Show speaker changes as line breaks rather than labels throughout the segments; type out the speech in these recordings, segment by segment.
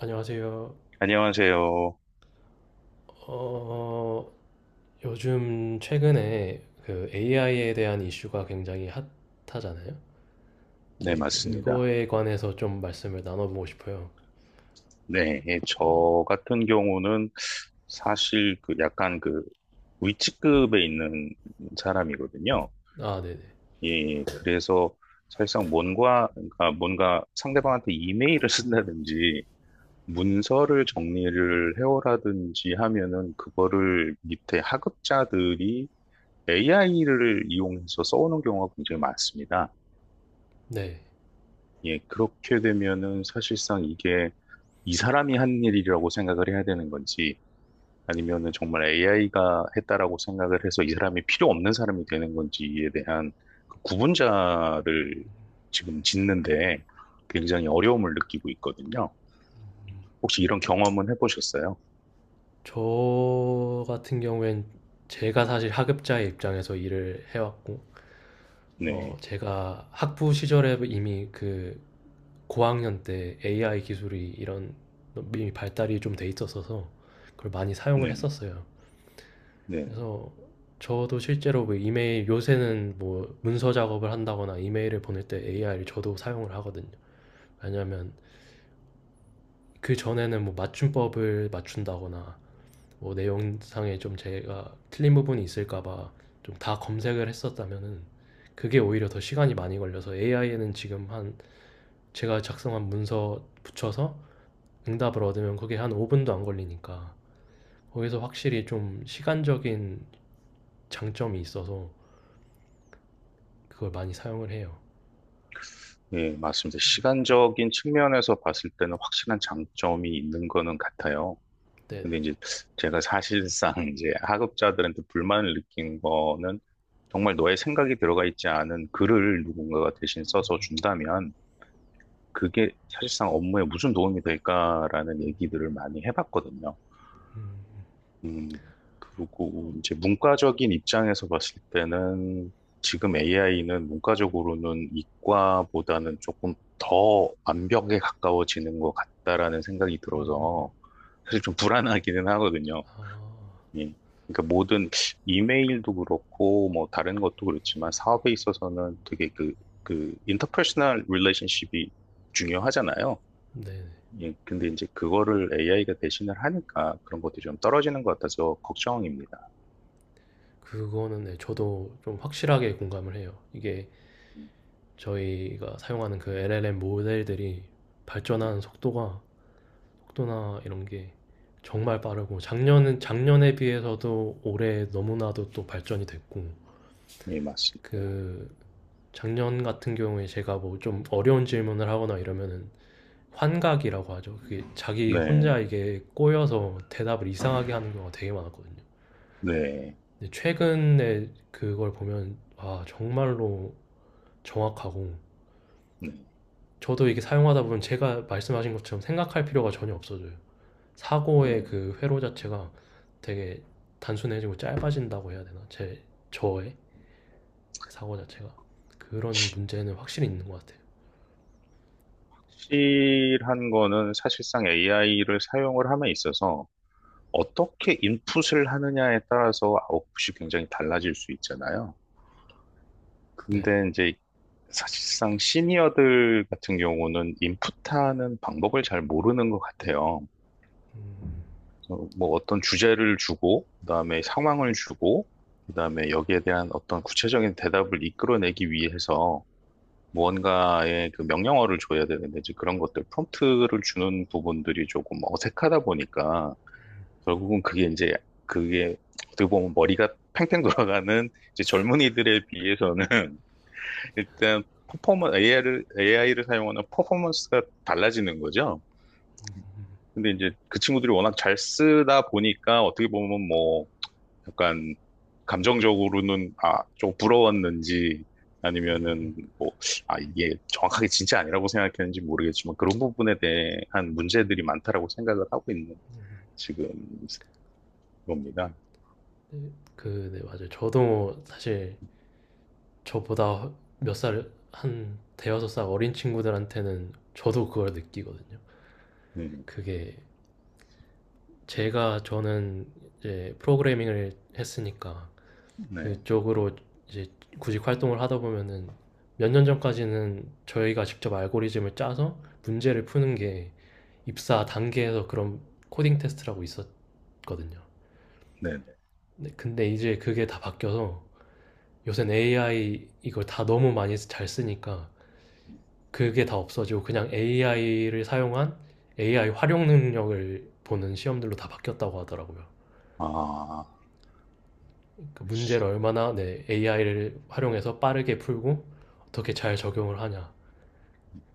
안녕하세요.
안녕하세요.
어, 요즘 최근에 그 AI에 대한 이슈가 굉장히 핫하잖아요.
네,
네,
맞습니다.
그거에 관해서 좀 말씀을 나눠보고 싶어요.
네, 예,
어,
저 같은 경우는 사실 그 약간 그 위치급에 있는 사람이거든요.
아, 네네.
예, 예. 그래서 사실상 뭔가, 그러니까 뭔가 상대방한테 이메일을 쓴다든지 문서를 정리를 해오라든지 하면은 그거를 밑에 하급자들이 AI를 이용해서 써오는 경우가 굉장히 많습니다.
네. 네.
예, 그렇게 되면은 사실상 이게 이 사람이 한 일이라고 생각을 해야 되는 건지 아니면은 정말 AI가 했다라고 생각을 해서 이 사람이 필요 없는 사람이 되는 건지에 대한 그 구분자를 지금 짓는데 굉장히 어려움을 느끼고 있거든요. 혹시 이런 경험은 해보셨어요?
저 같은 경우엔 제가 사실 학업자의 입장에서 일을 해왔고,
네,
제가 학부 시절에 이미 그 고학년 때 AI 기술이 이런 이미 발달이 좀 돼 있었어서 그걸 많이 사용을
네,
했었어요.
네.
그래서 저도 실제로 뭐 이메일 요새는 뭐 문서 작업을 한다거나 이메일을 보낼 때 AI를 저도 사용을 하거든요. 왜냐하면 그 전에는 뭐 맞춤법을 맞춘다거나 뭐 내용상에 좀 제가 틀린 부분이 있을까봐 좀 다 검색을 했었다면은 그게 오히려 더 시간이 많이 걸려서 AI에는 지금 한 제가 작성한 문서 붙여서 응답을 얻으면 그게 한 5분도 안 걸리니까 거기서 확실히 좀 시간적인 장점이 있어서 그걸 많이 사용을 해요.
네, 맞습니다. 시간적인 측면에서 봤을 때는 확실한 장점이 있는 거는 같아요.
네네.
근데 이제 제가 사실상 이제 학업자들한테 불만을 느낀 거는 정말 너의 생각이 들어가 있지 않은 글을 누군가가 대신 써서 준다면 그게 사실상 업무에 무슨 도움이 될까라는 얘기들을 많이 해봤거든요. 음, 그리고 이제 문과적인 입장에서 봤을 때는 지금 AI는 문과적으로는 이과보다는 조금 더 완벽에 가까워지는 것 같다라는 생각이 들어서 사실 좀 불안하기는 하거든요. 예. 그러니까 모든 이메일도 그렇고 뭐 다른 것도 그렇지만 사업에 있어서는 되게 그 인터퍼스널 릴레이션십이 중요하잖아요.
네네.
예. 근데 이제 그거를 AI가 대신을 하니까 그런 것들이 좀 떨어지는 것 같아서 걱정입니다.
그거는, 네, 저도 좀 확실하게 공감을 해요. 이게 저희가 사용하는 그 LLM 모델들이
네.
발전하는 속도가 속도나 이런 게 정말 빠르고 작년은 작년에 비해서도 올해 너무나도 또 발전이 됐고
예, 맞습니다.
그 작년 같은 경우에 제가 뭐 좀 어려운 질문을 하거나 이러면은 환각이라고 하죠. 그게 자기 혼자
네.
이게 꼬여서 대답을 이상하게 하는 경우가 되게 많았거든요.
네.
근데 최근에 그걸 보면 아 정말로 정확하고
네.
저도 이게 사용하다 보면 제가 말씀하신 것처럼 생각할 필요가 전혀 없어져요. 사고의
네.
그 회로 자체가 되게 단순해지고 짧아진다고 해야 되나? 제 저의 사고 자체가 그런 문제는 확실히 있는 것 같아요.
실한 거는 사실상 AI를 사용을 함에 있어서 어떻게 인풋을 하느냐에 따라서 아웃풋이 굉장히 달라질 수 있잖아요.
네,
근데 이제 사실상 시니어들 같은 경우는 인풋하는 방법을 잘 모르는 것 같아요. 뭐 어떤 주제를 주고, 그다음에 상황을 주고, 그다음에 여기에 대한 어떤 구체적인 대답을 이끌어내기 위해서 무언가의 그 명령어를 줘야 되는데 이제 그런 것들 프롬프트를 주는 부분들이 조금 어색하다 보니까 결국은 그게 이제 그게 어떻게 보면 머리가 팽팽 돌아가는 이제 젊은이들에 비해서는 일단 퍼포먼 AI를 사용하는 퍼포먼스가 달라지는 거죠. 근데 이제 그 친구들이 워낙 잘 쓰다 보니까 어떻게 보면 뭐 약간 감정적으로는 아, 좀 부러웠는지 아니면은 뭐 아, 이게 정확하게 진짜 아니라고 생각했는지 모르겠지만 그런 부분에 대한 문제들이 많다라고 생각을 하고 있는 지금 겁니다.
네, 맞아요. 저도 사실 저보다 몇 살 한 대여섯 살 어린 친구들한테는 저도 그걸 느끼거든요.
음,
그게 제가 저는 이제 프로그래밍을 했으니까
네,
그쪽으로 이제 구직 활동을 하다 보면은 몇 년 전까지는 저희가 직접 알고리즘을 짜서 문제를 푸는 게 입사 단계에서 그런 코딩 테스트라고 있었거든요.
네, 네.
네, 근데 이제 그게 다 바뀌어서 요새는 AI 이걸 다 너무 많이 잘 쓰니까 그게 다 없어지고 그냥 AI를 사용한 AI 활용 능력을 보는 시험들로 다 바뀌었다고 하더라고요.
아.
그 문제를 얼마나, 네, AI를 활용해서 빠르게 풀고 어떻게 잘 적용을 하냐.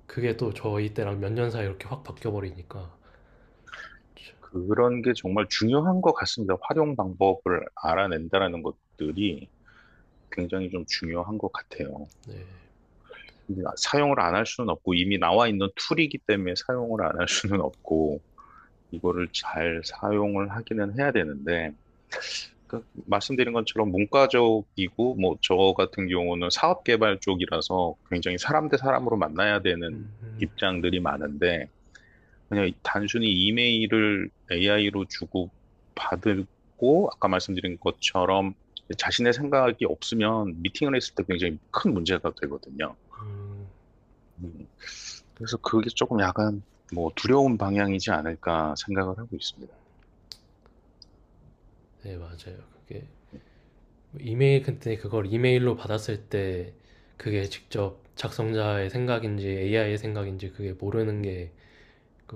그게 또 저희 때랑 몇 년 사이 이렇게 확 바뀌어버리니까.
그런 게 정말 중요한 것 같습니다. 활용 방법을 알아낸다라는 것들이 굉장히 좀 중요한 것 같아요.
네.
근데 사용을 안 할 수는 없고 이미 나와 있는 툴이기 때문에 사용을 안 할 수는 없고 이거를 잘 사용을 하기는 해야 되는데 그 말씀드린 것처럼 문과적이고 뭐 저 같은 경우는 사업 개발 쪽이라서 굉장히 사람 대 사람으로 만나야 되는
음, 음,
입장들이 많은데 그냥 단순히 이메일을 AI로 주고 받고 아까 말씀드린 것처럼 자신의 생각이 없으면 미팅을 했을 때 굉장히 큰 문제가 되거든요.
음.
음, 그래서 그게 조금 약간 뭐 두려운 방향이지 않을까 생각을 하고 있습니다.
네, 맞아요. 그게 이메일 그때 그걸 이메일로 받았을 때 그게 직접 작성자의 생각인지 AI의 생각인지 그게 모르는
음,
게그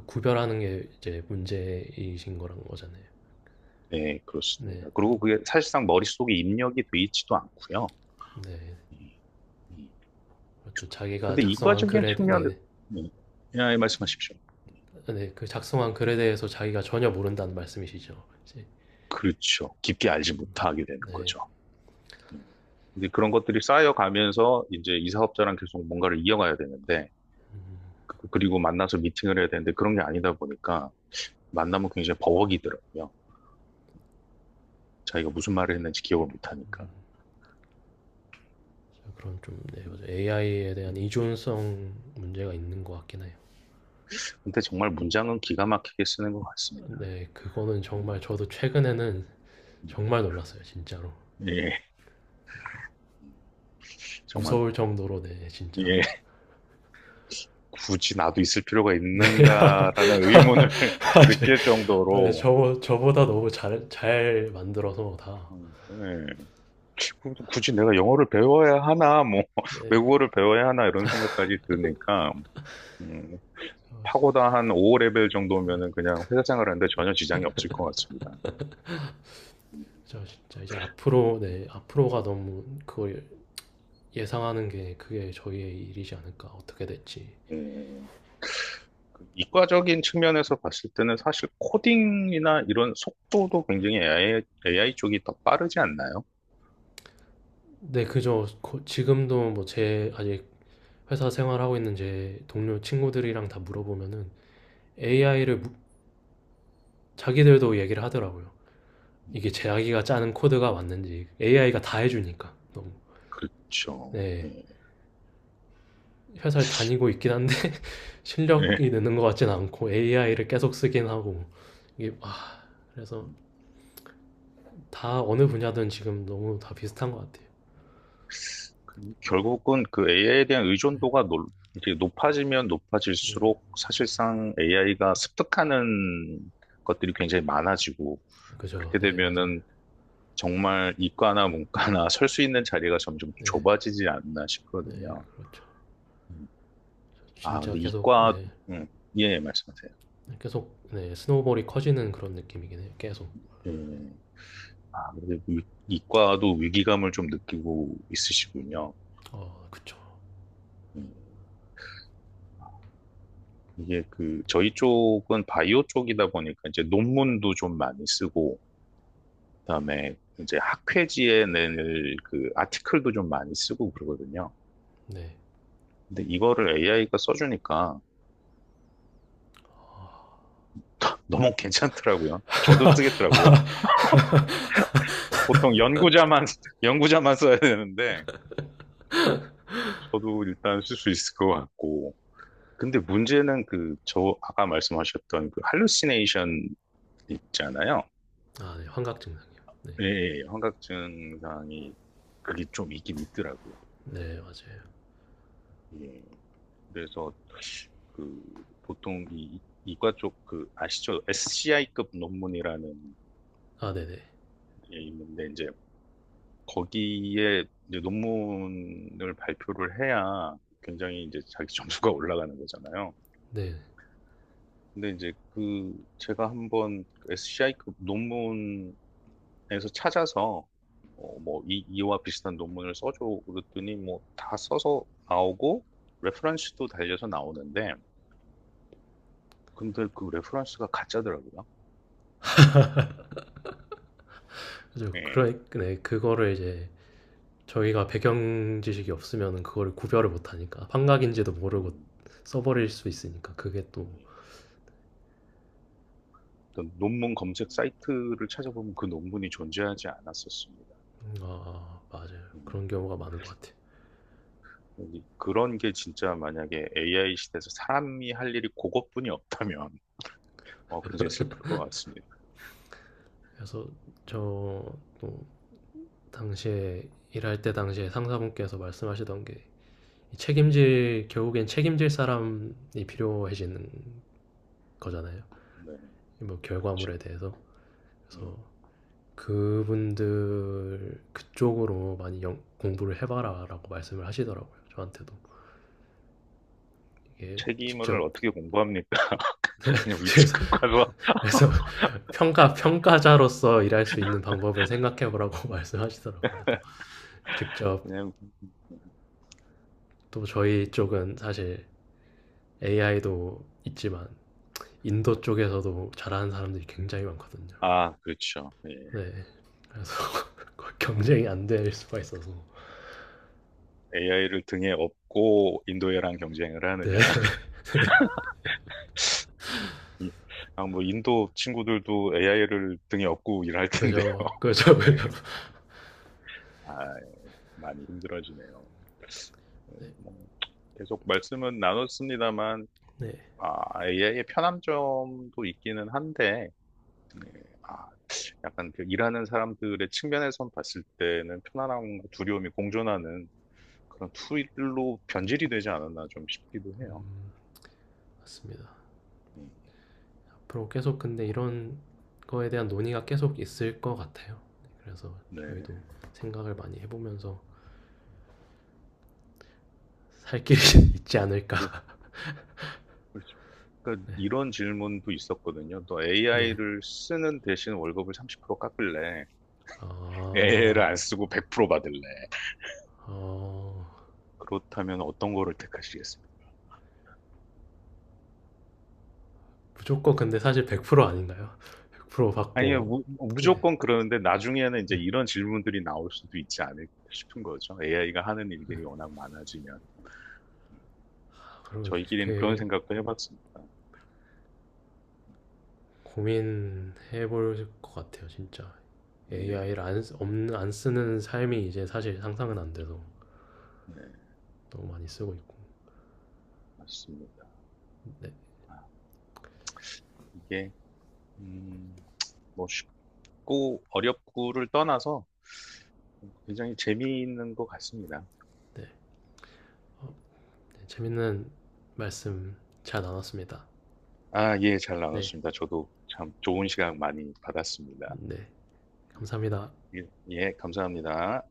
구별하는 게 이제 문제이신 거란 거잖아요.
네,
네.
그렇습니다. 그리고 그게 사실상 머릿속에 입력이 돼 있지도 않고요.
네.
음,
그렇죠. 자기가
근데
작성한
이과적인
글에, 네,
측면에
네.
음, 네, 예, 말씀하십시오.
네, 그 작성한 글에 대해서 자기가 전혀 모른다는 말씀이시죠. 그치?
그렇죠. 깊게 알지 못하게 되는
네,
거죠. 이제 그런 것들이 쌓여가면서 이제 이 사업자랑 계속 뭔가를 이어가야 되는데, 그리고 만나서 미팅을 해야 되는데 그런 게 아니다 보니까 만나면 굉장히 버벅이더라고요. 자기가 무슨 말을 했는지 기억을 못 하니까.
그런 좀, 네,
음,
맞아요. AI에 대한
음.
의존성 문제가 있는 것 같긴 해요.
근데 정말 문장은 기가 막히게 쓰는 것 같습니다.
네, 그거는 정말
음,
저도 최근에는
음.
정말 놀랐어요, 진짜로.
예, 정말,
무서울 정도로, 네, 진짜.
예, 굳이 나도 있을 필요가
네,
있는가라는 의문을 느낄
네,
정도로,
저보다
음,
너무 잘 만들어서 다.
예. 그럼 굳이 내가 영어를 배워야 하나, 뭐,
네,
외국어를 배워야 하나, 이런 생각까지 드니까, 음,
저,
파고다 한 5레벨 정도면은 그냥 회사 생활하는데 전혀 지장이 없을 것 같습니다.
저 진짜 이제 앞으로, 네, 앞으로가 너무 그걸 예상하는 게 그게 저희의 일이지 않을까 어떻게 될지.
음, 그 이과적인 측면에서 봤을 때는 사실 코딩이나 이런 속도도 굉장히 AI, 쪽이 더 빠르지 않나요?
네, 그죠. 지금도 뭐 제 아직 회사 생활하고 있는 제 동료 친구들이랑 다 물어보면은 AI를 자기들도 얘기를 하더라고요. 이게 자기가 짜는 코드가 맞는지 AI가 다 해주니까 너무,
그렇죠.
네,
네.
회사를 다니고 있긴 한데
네.
실력이 느는 것 같진 않고 AI를 계속 쓰긴 하고 이게, 아, 그래서 다 어느 분야든 지금 너무 다 비슷한 것 같아요.
그 결국은 그 AI에 대한 의존도가 이렇게 높아지면
네,
높아질수록 사실상 AI가 습득하는 것들이 굉장히 많아지고
그죠.
그렇게
네, 맞아요.
되면은 정말 이과나 문과나 설 수 있는 자리가 점점
네,
좁아지지 않나
네,
싶거든요.
그렇죠.
음. 아,
진짜
근데
계속,
이과,
네.
음, 예, 예, 말씀하세요.
계속, 네, 스노우볼이 커지는 그런 느낌이긴 해요. 계속.
예. 아, 근데 이과도 위기감을 좀 느끼고 있으시군요.
그쵸.
음, 이게 그, 저희 쪽은 바이오 쪽이다 보니까 이제 논문도 좀 많이 쓰고, 그다음에 이제 학회지에 낼 그 아티클도 좀 많이 쓰고 그러거든요.
네.
근데 이거를 AI가 써주니까 너무 괜찮더라고요. 저도 쓰겠더라고요. 보통 연구자만, 연구자만 써야 되는데, 저도 일단 쓸 수 있을 것 같고. 근데 문제는 그, 저, 아까 말씀하셨던 그, 할루시네이션 있잖아요.
아, 네. 환각 증상이요. 네.
예, 예, 환각 증상이, 그게 좀 있긴 있더라고요.
네, 맞아요.
예. 그래서, 그, 보통 이과 쪽 그, 아시죠? SCI급 논문이라는
아, 네, 네.
게 있는데, 이제, 거기에 이제 논문을 발표를 해야 굉장히 이제 자기 점수가 올라가는 거잖아요.
네.
근데 이제 그 제가 한번 SCI급 논문에서 찾아서 뭐 이와 비슷한 논문을 써줘 그랬더니 뭐 다 써서 나오고 레퍼런스도 달려서 나오는데 근데 그 레퍼런스가 가짜더라고요.
그죠.
예.
그래, 네. 그거를 이제 저희가 배경 지식이 없으면 그거를 구별을 못 하니까 환각인지도 모르고
음,
써버릴 수 있으니까 그게 또
예. 어떤 논문 검색 사이트를 찾아보면 그 논문이 존재하지 않았었습니다.
아, 맞아요.
음.
그런 경우가 많은 것 같아요.
근데 그런 게 진짜 만약에 AI 시대에서 사람이 할 일이 그것뿐이 없다면 굉장히 슬플 것 같습니다.
그래서
음,
저 또 당시에 일할 때 당시에 상사분께서 말씀하시던 게 책임질 결국엔 책임질 사람이 필요해지는 거잖아요.
네.
뭐
그렇죠.
결과물에 대해서
음,
그래서 그분들 그쪽으로 많이 공부를 해봐라라고 말씀을 하시더라고요. 저한테도 이게
책임을
직접
어떻게 공부합니까? 그냥
그래서,
위치급 가서
그래서, 평가자로서 일할 수 있는 방법을 생각해보라고 말씀하시더라고요. 그래서 직접
그냥
또 저희 쪽은 사실 AI도 있지만 인도
네.
쪽에서도 잘하는 사람들이 굉장히 많거든요.
아 그렇죠. 예.
네. 그래서 경쟁이 안 될 수가 있어서.
AI를 등에 업고 인도애랑 경쟁을
네.
하느냐? 이- 아, 뭐 인도 친구들도 AI를 등에 업고 일할 텐데,
그죠. 그죠.
예.
그죠.
아, 많이 힘들어지네요. 예, 뭐, 계속 말씀은 나눴습니다만,
네.
아, AI의 편함점도 있기는 한데. 네. 아, 약간 그 일하는 사람들의 측면에선 봤을 때는 편안함과 두려움이 공존하는 그런 투일로 변질이 되지 않았나 좀 싶기도 해요.
음, 맞습니다.
음,
앞으로 계속 근데 이런 거에 대한 논의가 계속 있을 것 같아요. 그래서 저희도
네.
생각을 많이 해보면서 살 길이 있지
그-
않을까.
그- 그러니까
네.
이런 질문도 있었거든요. 또
네.
AI를 쓰는 대신 월급을 30% 깎을래? AI를
아,
안 쓰고 100% 받을래?
어,
그렇다면 어떤 거를 택하시겠습니까?
무조건 근데 사실 100% 아닌가요? 100%
아니,
받고,
무,
네.
무조건 그러는데 나중에는 이제 이런 질문들이 나올 수도 있지 않을까 싶은 거죠. AI가 하는 일들이 워낙 많아지면.
아, 그리고
저희끼리는 그런
그게
생각도 해봤습니다.
고민해볼 것 같아요, 진짜.
예,
AI를 안, 쓰- 없는- 안 쓰는 삶이 이제 사실 상상은 안 돼서
네,
너무 많이 쓰고 있고
맞습니다.
네,
아, 이게, 음, 뭐 쉽고 어렵고를 떠나서 굉장히 재미있는 것 같습니다.
네. 어, 네, 재밌는 말씀 잘 나눴습니다.
아, 예, 잘
네,
나눴습니다. 저도 참 좋은 시간 많이 받았습니다.
네, 감사합니다.
예, 예, 감사합니다.